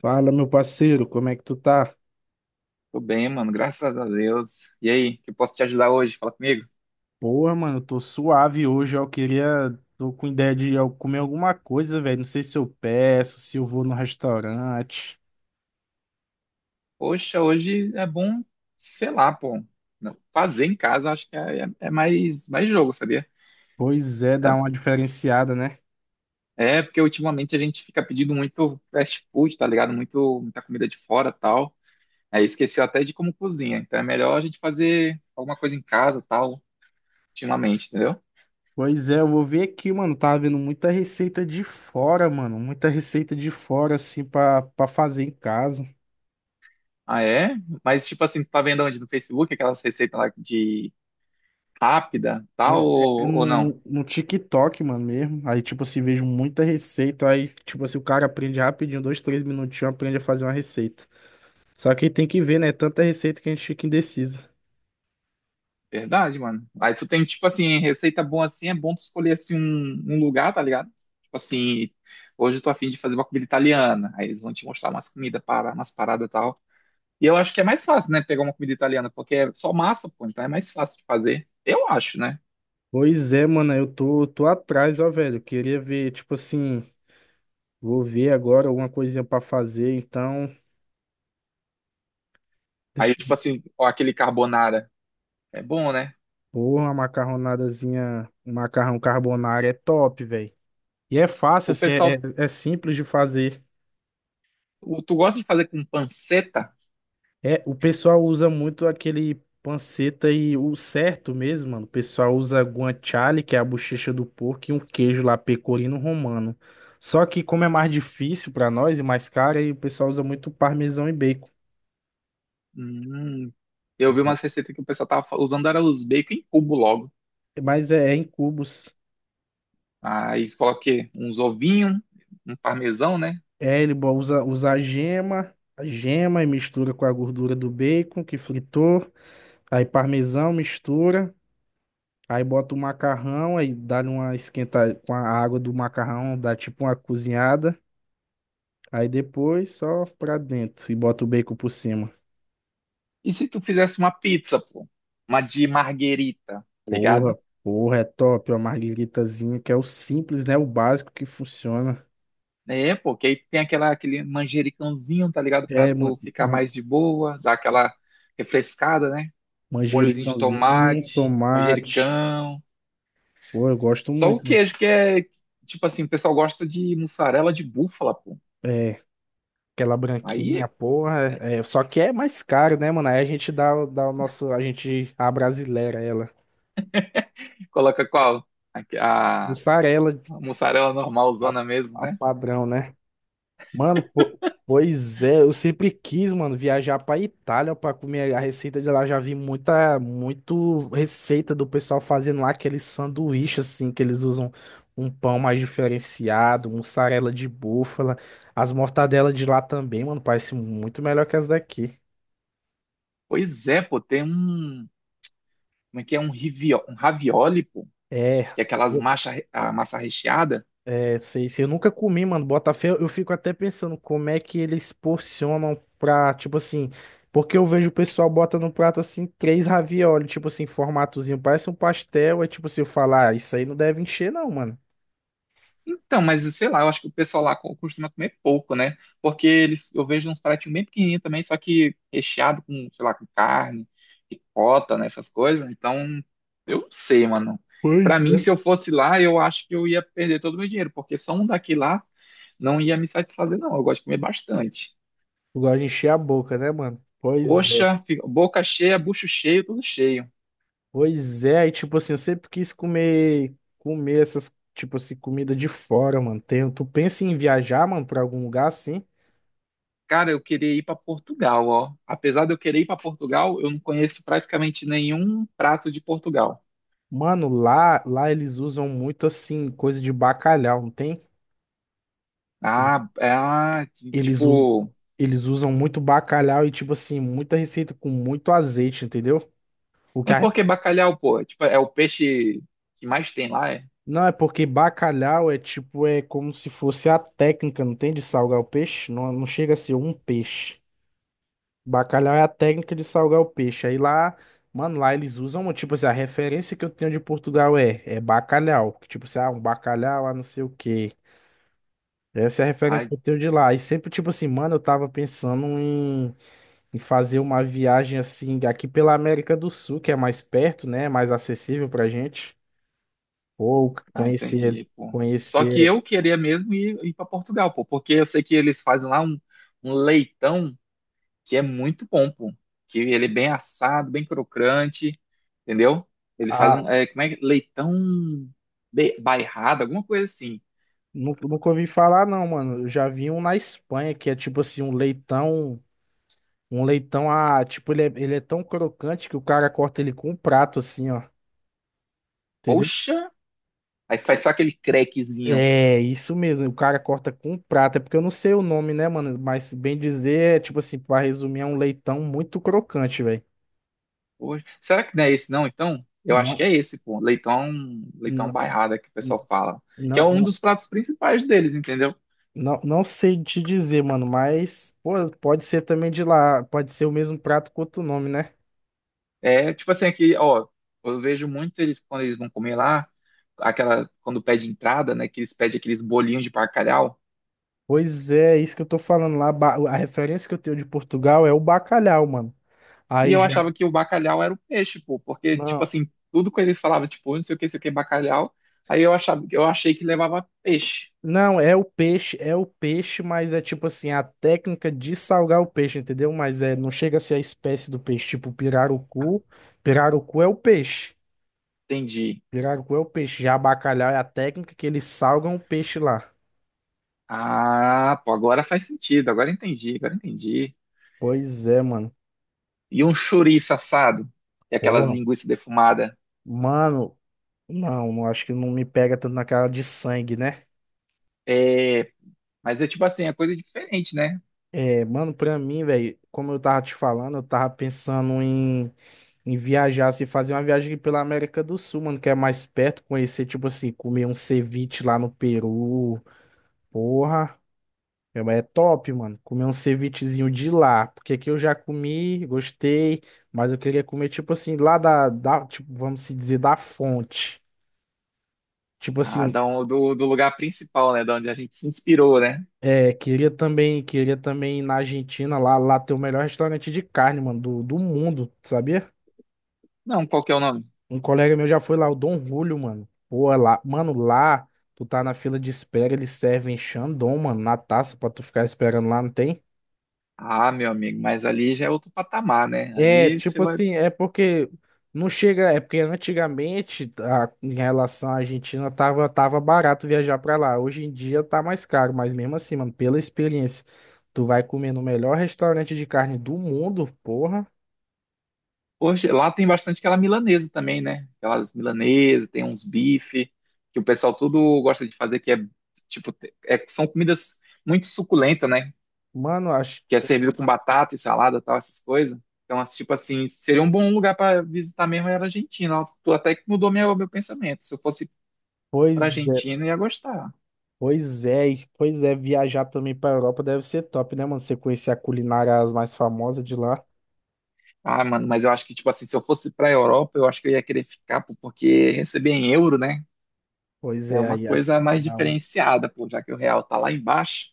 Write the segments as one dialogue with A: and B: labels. A: Fala, meu parceiro, como é que tu tá?
B: Tô bem, mano, graças a Deus. E aí, que eu posso te ajudar hoje? Fala comigo.
A: Porra, mano, eu tô suave hoje. Eu queria. Tô com ideia de eu comer alguma coisa, velho. Não sei se eu peço, se eu vou no restaurante.
B: Poxa, hoje é bom, sei lá, pô, não, fazer em casa acho que é mais, mais jogo, sabia?
A: Pois é, dá uma diferenciada, né?
B: É, é porque ultimamente a gente fica pedindo muito fast food, tá ligado? Muito, muita comida de fora tal. Aí esqueceu até de como cozinha. Então é melhor a gente fazer alguma coisa em casa tal, ultimamente, entendeu?
A: Pois é, eu vou ver aqui, mano. Tava vendo muita receita de fora, mano. Muita receita de fora, assim, pra fazer em casa.
B: Ah, é? Mas tipo assim, tu tá vendo onde? No Facebook, aquelas receitas lá de rápida
A: É,
B: tal
A: é
B: ou
A: no,
B: não?
A: no, TikTok, mano, mesmo. Aí, tipo assim, vejo muita receita. Aí, tipo assim, o cara aprende rapidinho, dois, três minutinhos, aprende a fazer uma receita. Só que tem que ver, né? Tanta receita que a gente fica indeciso.
B: Verdade, mano. Aí tu tem, tipo assim, receita boa assim, é bom tu escolher assim um lugar, tá ligado? Tipo assim, hoje eu tô afim de fazer uma comida italiana. Aí eles vão te mostrar umas comidas, para, umas paradas e tal. E eu acho que é mais fácil, né, pegar uma comida italiana, porque é só massa, pô, então é mais fácil de fazer. Eu acho, né?
A: Pois é, mano, eu tô atrás, ó, velho. Queria ver, tipo assim, vou ver agora alguma coisinha pra fazer, então.
B: Aí,
A: Deixa.
B: tipo assim, ó, aquele carbonara. É bom, né?
A: Porra, uma macarronadazinha, um macarrão carbonara é top, velho. E é fácil,
B: O
A: assim, é,
B: pessoal,
A: é é simples de fazer.
B: tu gosta de fazer com panceta?
A: É, o pessoal usa muito aquele panceta e o certo mesmo, mano. O pessoal usa guanciale, que é a bochecha do porco, e um queijo lá pecorino romano. Só que como é mais difícil pra nós e mais caro, aí o pessoal usa muito parmesão e bacon.
B: Hum, eu vi umas receitas que o pessoal tava usando, era os bacon em cubo logo.
A: É, mas é em cubos.
B: Aí coloquei uns ovinhos, um parmesão, né?
A: É, ele usa a gema e mistura com a gordura do bacon que fritou. Aí parmesão mistura. Aí bota o macarrão, aí dá uma esquentada com a água do macarrão, dá tipo uma cozinhada. Aí depois só pra dentro e bota o bacon por cima.
B: E se tu fizesse uma pizza, pô? Uma de marguerita, tá
A: Porra,
B: ligado?
A: porra, é top, ó, margueritazinha, que é o simples, né? O básico que funciona.
B: É, pô, que aí tem aquela, aquele manjericãozinho, tá ligado? Pra
A: É,
B: tu ficar mais de boa, dar aquela refrescada, né? Um molhozinho de
A: manjericãozinho,
B: tomate,
A: tomate.
B: manjericão.
A: Pô, eu gosto
B: Só o
A: muito, mano.
B: queijo que é, tipo assim, o pessoal gosta de mussarela de búfala, pô.
A: É, aquela branquinha,
B: Aí
A: porra. É, só que é mais caro, né, mano? Aí a gente dá o nosso, a gente, a brasileira, ela.
B: coloca qual? A, a
A: Mussarela,
B: mussarela
A: a,
B: normalzona mesmo,
A: a
B: né?
A: padrão, né? Mano, pois é, eu sempre quis, mano, viajar pra Itália pra comer a receita de lá. Já vi muita, muito receita do pessoal fazendo lá aquele sanduíche, assim, que eles usam um pão mais diferenciado, mussarela de búfala. As mortadelas de lá também, mano, parece muito melhor que as daqui.
B: Pois é, pô, tem um como é que é um, rivio, um ravioli, pô?
A: É.
B: Que é aquelas massa, a massa recheada.
A: É, sei, sei. Eu nunca comi, mano. Botafé, eu fico até pensando como é que eles porcionam pra, tipo assim. Porque eu vejo o pessoal bota no prato assim, três ravioli, tipo assim, formatozinho. Parece um pastel. É tipo assim, eu falar, ah, isso aí não deve encher, não, mano.
B: Então, mas sei lá, eu acho que o pessoal lá costuma comer pouco, né? Porque eles, eu vejo uns pratinhos bem pequenininhos também, só que recheado com, sei lá, com carne, ricota, né? Essas coisas. Então, eu não sei, mano. Pra
A: Pois
B: mim,
A: é.
B: se eu fosse lá, eu acho que eu ia perder todo o meu dinheiro, porque só um daqui lá não ia me satisfazer, não. Eu gosto de comer bastante.
A: Eu gosto de encher a boca, né, mano? Pois é.
B: Poxa, boca cheia, bucho cheio, tudo cheio.
A: Pois é. E tipo assim, eu sempre quis comer, comer essas, tipo assim, comida de fora, mano. Tem, tu pensa em viajar, mano, pra algum lugar assim?
B: Cara, eu queria ir para Portugal, ó. Apesar de eu querer ir para Portugal, eu não conheço praticamente nenhum prato de Portugal.
A: Mano, lá eles usam muito assim, coisa de bacalhau, não tem?
B: Ah, é, ah,
A: Eles, us...
B: tipo.
A: eles usam muito bacalhau e, tipo assim, muita receita com muito azeite, entendeu? O que
B: Mas
A: a-
B: por que bacalhau, pô? É, tipo, é o peixe que mais tem lá, é?
A: Não, é porque bacalhau é tipo, é como se fosse a técnica, não tem? De salgar o peixe. Não, não chega a ser um peixe. Bacalhau é a técnica de salgar o peixe. Aí lá, mano, lá eles usam, tipo assim, a referência que eu tenho de Portugal é bacalhau. Que, tipo assim, ah, um bacalhau, ah, não sei o quê. Essa é a referência
B: Ah,
A: que eu tenho de lá. E sempre, tipo assim, mano, eu tava pensando em, fazer uma viagem assim, aqui pela América do Sul, que é mais perto, né? Mais acessível pra gente. Ou
B: ah,
A: conhecer,
B: entendi, pô. Só que
A: conhecer
B: eu queria mesmo ir para Portugal, pô, porque eu sei que eles fazem lá um, um leitão que é muito bom, pô. Que ele é bem assado, bem crocante, entendeu? Eles fazem
A: a.
B: um, é, leitão bairrado, alguma coisa assim.
A: Nunca ouvi falar, não, mano. Eu já vi um na Espanha, que é tipo assim, um leitão. Um leitão a. Tipo, ele é tão crocante que o cara corta ele com um prato, assim, ó. Entendeu?
B: Poxa! Aí faz só aquele crequezinho.
A: É, isso mesmo. O cara corta com prata. É porque eu não sei o nome, né, mano? Mas bem dizer, é tipo assim, pra resumir, é um leitão muito crocante, velho.
B: Poxa, será que não é esse não, então? Eu acho que
A: Não,
B: é esse, pô. Leitão, leitão
A: não,
B: bairrada que o pessoal fala. Que é
A: não,
B: um
A: não,
B: dos pratos principais deles, entendeu?
A: não, não sei te dizer, mano. Mas, pô, pode ser também de lá. Pode ser o mesmo prato com outro nome, né?
B: É tipo assim, aqui, ó, eu vejo muito eles quando eles vão comer lá, aquela, quando pede entrada, né? Que eles pedem aqueles bolinhos de bacalhau.
A: Pois é, é isso que eu tô falando lá. A referência que eu tenho de Portugal é o bacalhau, mano.
B: E
A: Aí
B: eu
A: já.
B: achava que o bacalhau era o peixe, pô, porque, tipo
A: Não.
B: assim, tudo que eles falavam, tipo, não sei o que, não sei o que, bacalhau. Aí eu achava, eu achei que levava peixe.
A: Não, é o peixe, mas é tipo assim, a técnica de salgar o peixe, entendeu? Mas é, não chega a ser a espécie do peixe, tipo
B: Ah,
A: pirarucu. Pirarucu é o peixe.
B: entendi.
A: Pirarucu é o peixe. Já bacalhau é a técnica que eles salgam o peixe lá.
B: Ah, pô, agora faz sentido, agora entendi, agora entendi.
A: Pois é, mano.
B: E um chouriço assado, e aquelas
A: Porra.
B: linguiças defumadas.
A: Mano, não acho que não me pega tanto na cara de sangue, né?
B: É, mas é tipo assim, é coisa diferente, né?
A: É, mano, pra mim, velho, como eu tava te falando, eu tava pensando em viajar, se fazer uma viagem aqui pela América do Sul, mano, que é mais perto, conhecer, tipo assim, comer um ceviche lá no Peru. Porra, é top, mano. Comer um cevichezinho de lá. Porque aqui eu já comi, gostei, mas eu queria comer, tipo assim, lá da, tipo, vamos se dizer, da fonte. Tipo
B: Ah,
A: assim,
B: da do, do lugar principal, né? Da onde a gente se inspirou, né?
A: é, queria também ir na Argentina, lá ter o melhor restaurante de carne, mano, do mundo, sabia?
B: Não, qual que é o nome?
A: Um colega meu já foi lá, o Dom Julio, mano. Pô, é lá, mano, lá tu tá na fila de espera, eles servem Xandão, mano, na taça pra tu ficar esperando lá, não tem?
B: Ah, meu amigo, mas ali já é outro patamar, né?
A: É,
B: Ali você
A: tipo
B: vai.
A: assim, é porque não chega, é porque antigamente em relação à Argentina tava barato viajar pra lá. Hoje em dia tá mais caro, mas mesmo assim, mano, pela experiência, tu vai comer no melhor restaurante de carne do mundo, porra.
B: Poxa, lá tem bastante aquela milanesa também, né? Aquelas milanesas, tem uns bife, que o pessoal tudo gosta de fazer, que é tipo, são comidas muito suculentas, né?
A: Mano, acho,
B: Que é servido com batata e salada, tal, essas coisas. Então, assim, tipo assim, seria um bom lugar para visitar mesmo era a Argentina. Tu até que mudou meu pensamento. Se eu fosse para
A: pois é.
B: Argentina, eu ia gostar.
A: Pois é, pois é, viajar também pra Europa deve ser top, né, mano? Você conhecer a culinária as mais famosas de lá.
B: Ah, mano, mas eu acho que, tipo assim, se eu fosse pra Europa, eu acho que eu ia querer ficar, pô, porque receber em euro, né?
A: Pois
B: É
A: é,
B: uma coisa mais
A: não.
B: diferenciada, pô, já que o real tá lá embaixo.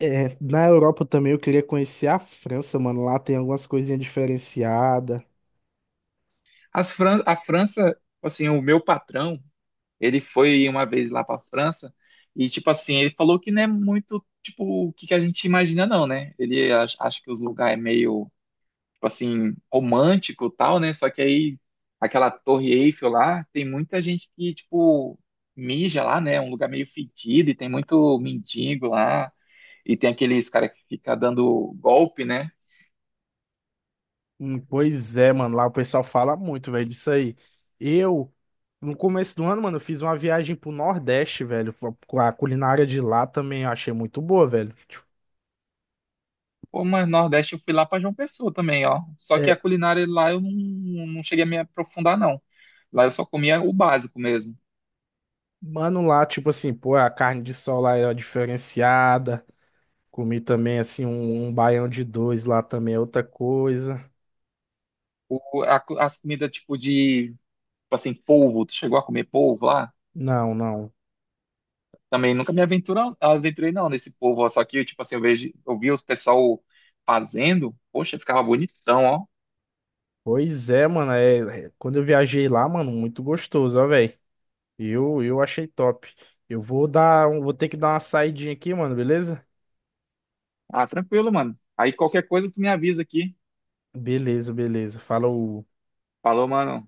A: É, na Europa também eu queria conhecer a França, mano. Lá tem algumas coisinhas diferenciadas.
B: As Fran a França, assim, o meu patrão, ele foi uma vez lá pra França e, tipo assim, ele falou que não é muito, tipo, o que que a gente imagina, não, né? Ele acha que os lugares é meio, tipo assim, romântico e tal, né? Só que aí, aquela Torre Eiffel lá, tem muita gente que, tipo, mija lá, né? É um lugar meio fedido e tem muito mendigo lá. E tem aqueles cara que fica dando golpe, né?
A: Pois é, mano. Lá o pessoal fala muito, velho, disso aí. Eu, no começo do ano, mano, eu fiz uma viagem pro Nordeste, velho. Com a culinária de lá também eu achei muito boa, velho. Tipo,
B: Pô, mas no Nordeste eu fui lá pra João Pessoa também, ó. Só que a
A: é,
B: culinária lá eu não, não cheguei a me aprofundar, não. Lá eu só comia o básico mesmo.
A: mano, lá, tipo assim, pô, a carne de sol lá é diferenciada. Comi também, assim, um baião de dois lá também é outra coisa.
B: Tipo, as comidas tipo de, tipo assim, polvo, tu chegou a comer polvo lá?
A: Não, não.
B: Também nunca me aventurei não nesse polvo, ó. Só que tipo assim, eu vejo, eu vi os pessoal fazendo, poxa, ficava bonitão, ó.
A: Pois é, mano. É, quando eu viajei lá, mano, muito gostoso, ó, velho. Eu achei top. Eu vou dar, um- vou ter que dar uma saidinha aqui, mano, beleza?
B: Ah, tranquilo, mano. Aí qualquer coisa tu me avisa aqui.
A: Beleza, beleza. Falou.
B: Falou, mano.